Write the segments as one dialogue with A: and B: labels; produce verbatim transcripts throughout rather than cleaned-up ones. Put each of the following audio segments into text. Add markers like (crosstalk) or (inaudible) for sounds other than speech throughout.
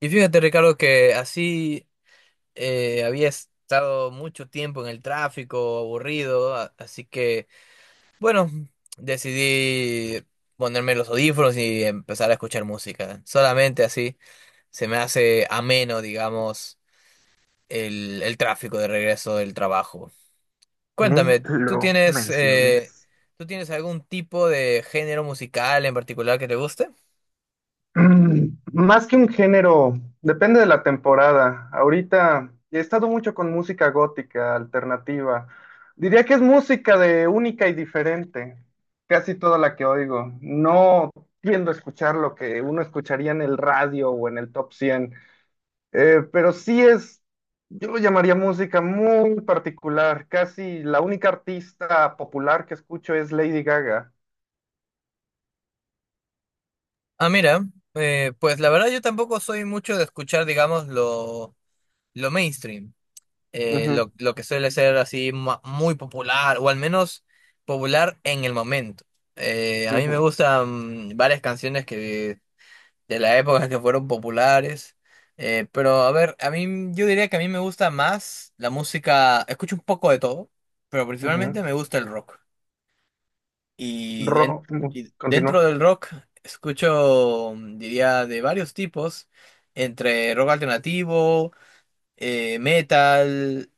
A: Y fíjate, Ricardo, que así eh, había estado mucho tiempo en el tráfico, aburrido, a- así que, bueno, decidí ponerme los audífonos y empezar a escuchar música. Solamente así se me hace ameno, digamos, el, el tráfico de regreso del trabajo.
B: Ni
A: Cuéntame, ¿tú
B: lo
A: tienes, eh,
B: menciones.
A: ¿tú tienes algún tipo de género musical en particular que te guste?
B: Mm, Más que un género, depende de la temporada. Ahorita he estado mucho con música gótica, alternativa. Diría que es música de única y diferente, casi toda la que oigo. No tiendo a escuchar lo que uno escucharía en el radio o en el top cien, eh, pero sí es, yo lo llamaría música muy particular. Casi la única artista popular que escucho es Lady Gaga.
A: Ah, mira, eh, pues la verdad yo tampoco soy mucho de escuchar, digamos, lo lo mainstream, eh,
B: Ujú,
A: lo, lo que suele ser así ma- muy popular, o al menos popular en el momento. Eh, a mí me
B: ujú.
A: gustan varias canciones que de la época que fueron populares, eh, pero a ver, a mí yo diría que a mí me gusta más la música, escucho un poco de todo, pero principalmente
B: Ujú.
A: me gusta el rock. Y, den-
B: Ro- no,
A: y dentro
B: continúa.
A: del rock escucho, mm, diría, de varios tipos, entre rock alternativo, eh, metal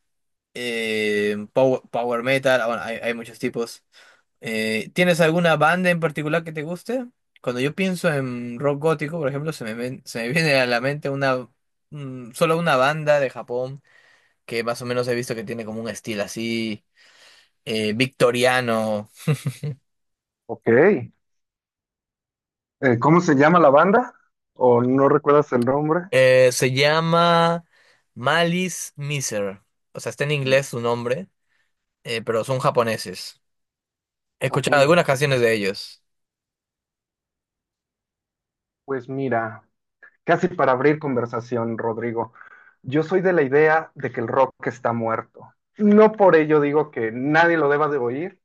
A: eh, pow- power, metal, ah, bueno, hay, hay muchos tipos. Eh, ¿tienes alguna banda en particular que te guste? Cuando yo pienso en rock gótico, por ejemplo, se me, ven- se me (laughs) viene a la mente una, mm, solo una banda de Japón que más o menos he visto que tiene como un estilo así eh, victoriano.
B: Ok. Eh, ¿cómo se llama la banda? ¿O no recuerdas el nombre?
A: Eh, se llama Malice Miser. O sea, está en
B: Mm.
A: inglés su nombre, eh, pero son japoneses. He
B: Ok,
A: escuchado algunas canciones de ellos.
B: pues mira, casi para abrir conversación, Rodrigo, yo soy de la idea de que el rock está muerto. No por ello digo que nadie lo deba de oír,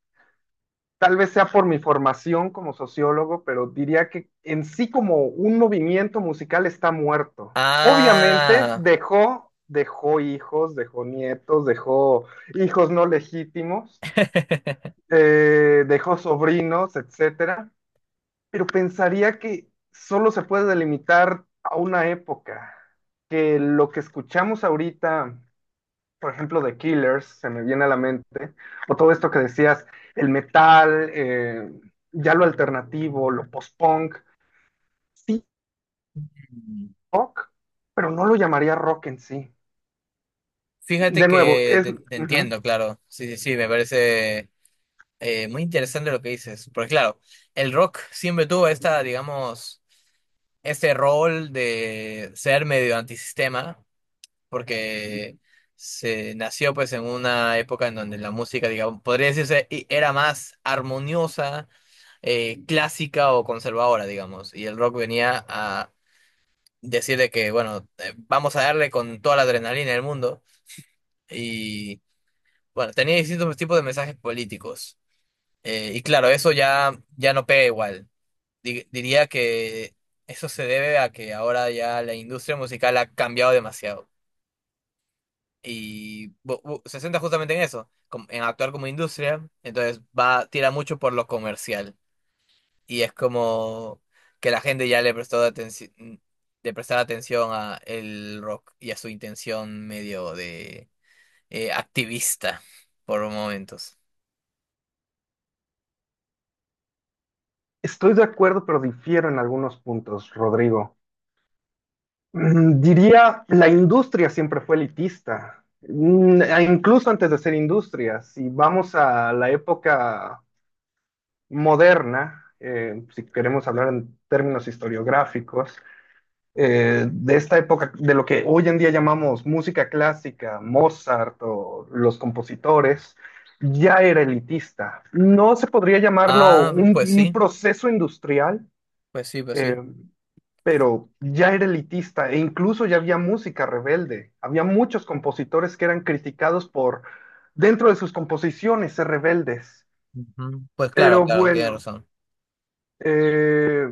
B: tal vez sea por mi formación como sociólogo, pero diría que en sí como un movimiento musical está muerto. Obviamente
A: Ah.
B: dejó, dejó hijos, dejó nietos, dejó hijos no legítimos,
A: (laughs)
B: eh, dejó sobrinos, etcétera, pero pensaría que solo se puede delimitar a una época, que lo que escuchamos ahorita por ejemplo, de Killers, se me viene a la mente, o todo esto que decías, el metal, eh, ya lo alternativo, lo post-punk, sí, rock, pero no lo llamaría rock en sí.
A: Fíjate
B: De nuevo,
A: que
B: es,
A: te, te
B: ujú,
A: entiendo, claro. Sí, sí, sí, me parece eh, muy interesante lo que dices. Porque claro, el rock siempre tuvo esta, digamos, este rol de ser medio antisistema, porque se nació pues en una época en donde la música, digamos, podría decirse, i- era más armoniosa, eh, clásica o conservadora, digamos. Y el rock venía a decir de que, bueno, eh, vamos a darle con toda la adrenalina del mundo. Bueno, tenía distintos tipos de mensajes políticos. Eh, y claro, eso ya, ya no pega igual. Di- diría que eso se debe a que ahora ya la industria musical ha cambiado demasiado. Y bu- bu- se centra justamente en eso, com- en actuar como industria. Entonces va, tira mucho por lo comercial. Y es como que la gente ya le prestó atenci- de prestar atención a el rock y a su intención medio de eh, activista por momentos.
B: estoy de acuerdo, pero difiero en algunos puntos, Rodrigo. Mm, diría, la industria siempre fue elitista. Mm, e incluso antes de ser industria, si vamos a la época moderna, eh, si queremos hablar en términos historiográficos, eh, de esta época, de lo que hoy en día llamamos música clásica, Mozart o los compositores, ya era elitista. No se podría llamarlo
A: Ah,
B: un,
A: pues
B: un
A: sí.
B: proceso industrial,
A: Pues sí, pues sí.
B: eh, pero ya era elitista e incluso ya había música rebelde. Había muchos compositores que eran criticados por, dentro de sus composiciones, ser rebeldes.
A: Ujú. Pues claro,
B: Pero
A: claro, tienes
B: bueno,
A: razón.
B: eh,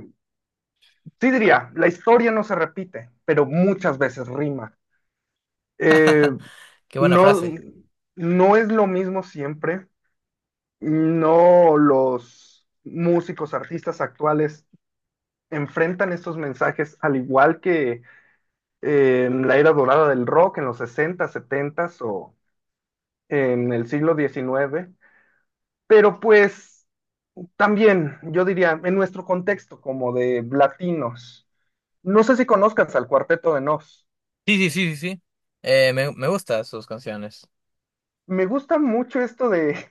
B: sí diría, la historia no se repite, pero muchas veces rima. Eh,
A: Qué buena
B: No,
A: frase.
B: no es lo mismo siempre. No, los músicos, artistas actuales enfrentan estos mensajes al igual que eh, en la era dorada del rock en los sesenta, setenta o en el siglo diecinueve. Pero pues también, yo diría, en nuestro contexto como de latinos. No sé si conozcas al Cuarteto de Nos.
A: Sí, sí, sí, sí, sí. Eh, me, me gustan sus canciones.
B: Me gusta mucho esto de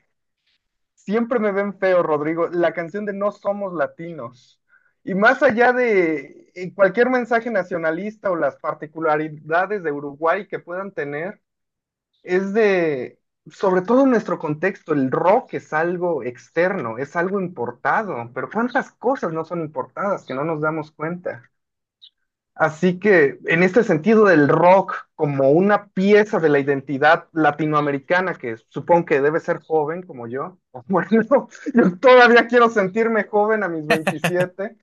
B: Siempre me ven feo, Rodrigo, la canción de No somos latinos. Y más allá de eh, cualquier mensaje nacionalista o las particularidades de Uruguay que puedan tener, es de, sobre todo en nuestro contexto, el rock es algo externo, es algo importado, pero ¿cuántas cosas no son importadas que no nos damos cuenta? Así que en este sentido del rock como una pieza de la identidad latinoamericana, que supongo que debe ser joven como yo, (laughs) bueno, yo todavía quiero sentirme joven a mis veintisiete,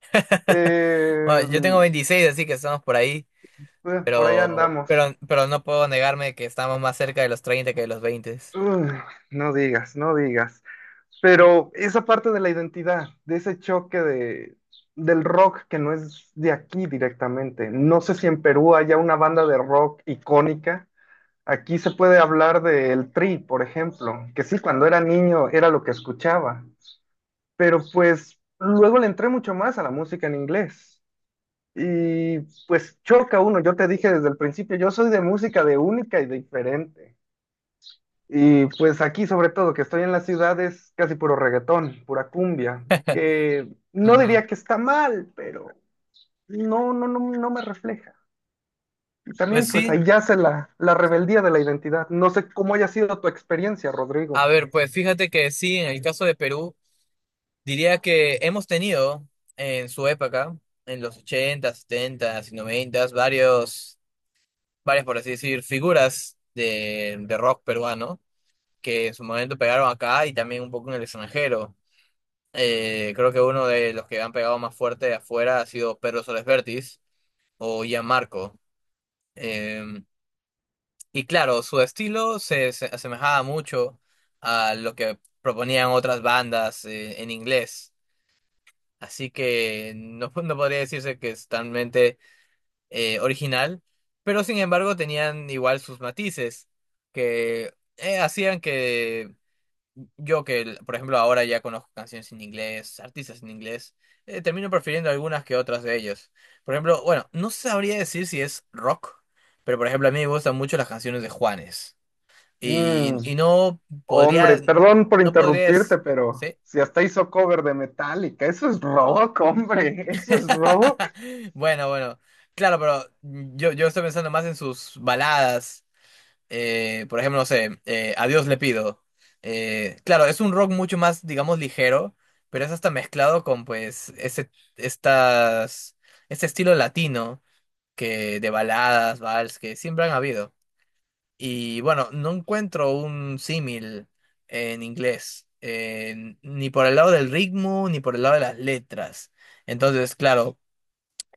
A: (laughs) Bueno,
B: eh,
A: yo tengo veintiséis así que estamos por ahí,
B: eh, por ahí
A: pero,
B: andamos.
A: pero, pero no puedo negarme que estamos más cerca de los treinta que de los veinte.
B: Uf, no digas, no digas. Pero esa parte de la identidad, de ese choque de, del rock que no es de aquí directamente. No sé si en Perú haya una banda de rock icónica. Aquí se puede hablar del Tri, por ejemplo, que sí, cuando era niño era lo que escuchaba, pero pues luego le entré mucho más a la música en inglés. Y pues choca uno, yo te dije desde el principio, yo soy de música de única y diferente. Y pues aquí sobre todo, que estoy en la ciudad, es casi puro reggaetón, pura cumbia, que no
A: Ujú.
B: diría que está mal, pero no, no, no, no me refleja. Y
A: Pues
B: también pues
A: sí,
B: ahí yace la, la rebeldía de la identidad. No sé cómo haya sido tu experiencia,
A: a
B: Rodrigo.
A: ver, pues fíjate que sí, en el caso de Perú, diría que hemos tenido en su época, en los ochenta, setenta y noventa, varios, varias, por así decir, figuras de, de rock peruano que en su momento pegaron acá y también un poco en el extranjero. Eh, creo que uno de los que han pegado más fuerte de afuera ha sido Pedro Soles Vértiz o Gianmarco. Eh, y claro, su estilo se, se asemejaba mucho a lo que proponían otras bandas eh, en inglés. Así que no, (laughs) no podría decirse que es totalmente eh, original, pero sin embargo tenían igual sus matices que eh, hacían que yo que, por ejemplo, ahora ya conozco canciones en inglés, artistas en inglés, eh, termino prefiriendo algunas que otras de ellos. Por ejemplo, bueno, no sabría decir si es rock, pero por ejemplo a mí me gustan mucho las canciones de Juanes.
B: Mm,
A: Y, y no
B: hombre,
A: podría,
B: perdón por
A: no
B: interrumpirte,
A: podrías,
B: pero
A: ¿sí?
B: si hasta hizo cover de Metallica, eso es rock, hombre, eso es rock.
A: (laughs) Bueno, bueno, claro, pero yo, yo estoy pensando más en sus baladas, eh, por ejemplo, no sé, eh, a Dios le pido. Eh, claro, es un rock mucho más, digamos, ligero, pero es hasta mezclado con, pues, ese, estas, este estilo latino que de baladas, vals, que siempre han habido. Y bueno, no encuentro un símil en inglés, eh, ni por el lado del ritmo, ni por el lado de las letras. Entonces, claro,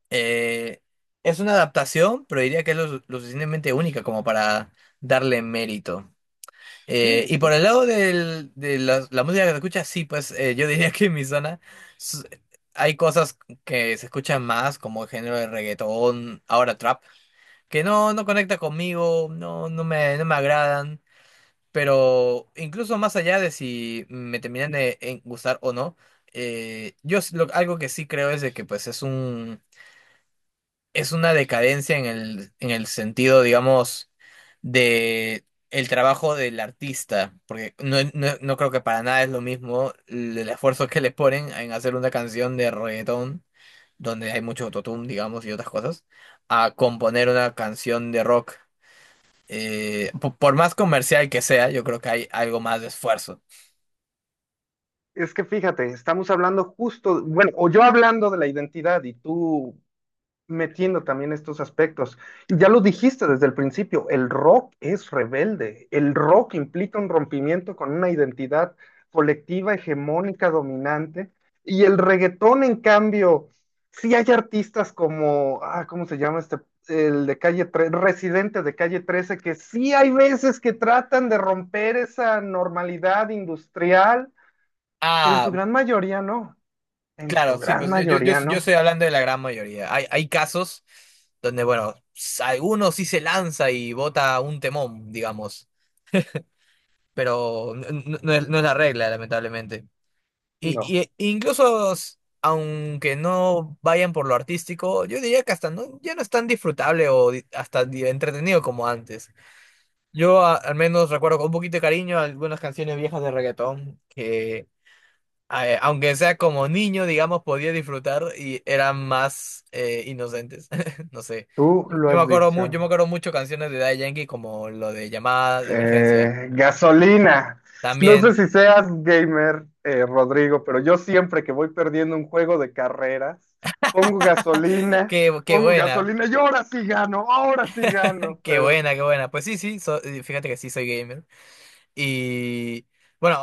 A: eh, es una adaptación, pero diría que es lo, su- lo suficientemente única como para darle mérito. Eh,
B: Sí,
A: y por
B: sí.
A: el lado del- de la, la música que se escucha, sí, pues eh, yo diría (laughs) que en mi zona s- hay cosas que se escuchan más, como el género de reggaetón, ahora trap, que no, no conecta conmigo, no, no me, no me agradan, pero incluso más allá de si me terminan de en- gustar o no, eh, yo s- lo- algo que sí creo es de que pues es un es una decadencia en el, en el sentido, digamos, de el trabajo del artista, porque no, no, no creo que para nada es lo mismo el, el esfuerzo que le ponen en hacer una canción de reggaetón, donde hay mucho autotune, digamos, y otras cosas, a componer una canción de rock. Eh, po- por más comercial que sea, yo creo que hay algo más de esfuerzo.
B: Es que fíjate, estamos hablando justo, bueno, o yo hablando de la identidad y tú metiendo también estos aspectos. Y ya lo dijiste desde el principio, el rock es rebelde, el rock implica un rompimiento con una identidad colectiva, hegemónica, dominante, y el reggaetón, en cambio, sí hay artistas como, ah, ¿cómo se llama este? El de calle trece, residente de calle trece, que sí hay veces que tratan de romper esa normalidad industrial, pero en su
A: Ah,
B: gran mayoría no, en su
A: claro, sí,
B: gran
A: pues yo, yo, yo,
B: mayoría
A: yo
B: no,
A: estoy hablando de la gran mayoría. Hay, hay casos donde, bueno, s- alguno sí se lanza y bota un temón, digamos, pero n- n- no, no es, no es la regla, lamentablemente. Y,
B: no,
A: y- e incluso, s- aunque no vayan por lo artístico, yo diría que hasta no, ya no es tan disfrutable o di- hasta di- entretenido como antes. Yo a- al menos recuerdo con un poquito de cariño algunas canciones viejas de reggaetón que eh, aunque sea como niño, digamos, podía disfrutar y eran más eh, inocentes. (laughs) No sé.
B: tú
A: Yo,
B: lo
A: yo me
B: has
A: acuerdo mu- yo
B: dicho.
A: me acuerdo mucho canciones de Daddy Yankee como lo de llamada de emergencia.
B: Eh, gasolina. No sé
A: También.
B: si seas gamer, eh, Rodrigo, pero yo siempre que voy perdiendo un juego de carreras, pongo
A: (laughs)
B: gasolina,
A: Qué, qué
B: pongo
A: buena,
B: gasolina y ahora sí gano, ahora sí gano.
A: qué
B: Pero
A: buena, Qué buena. Pues sí, sí, so- eh, fíjate que sí soy gamer. Y bueno,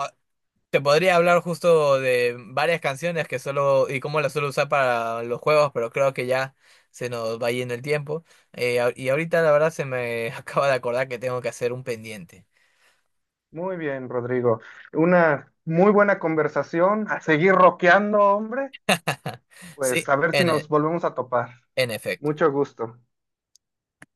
A: te podría hablar justo de varias canciones que solo y cómo las suelo usar para los juegos, pero creo que ya se nos va yendo el tiempo. Eh, a- y ahorita la verdad se me (laughs) acaba de acordar que tengo que hacer un pendiente.
B: muy bien, Rodrigo. Una muy buena conversación. A seguir roqueando, hombre.
A: (laughs)
B: Pues
A: Sí,
B: a ver si
A: en,
B: nos
A: e-
B: volvemos a topar.
A: en efecto.
B: Mucho gusto.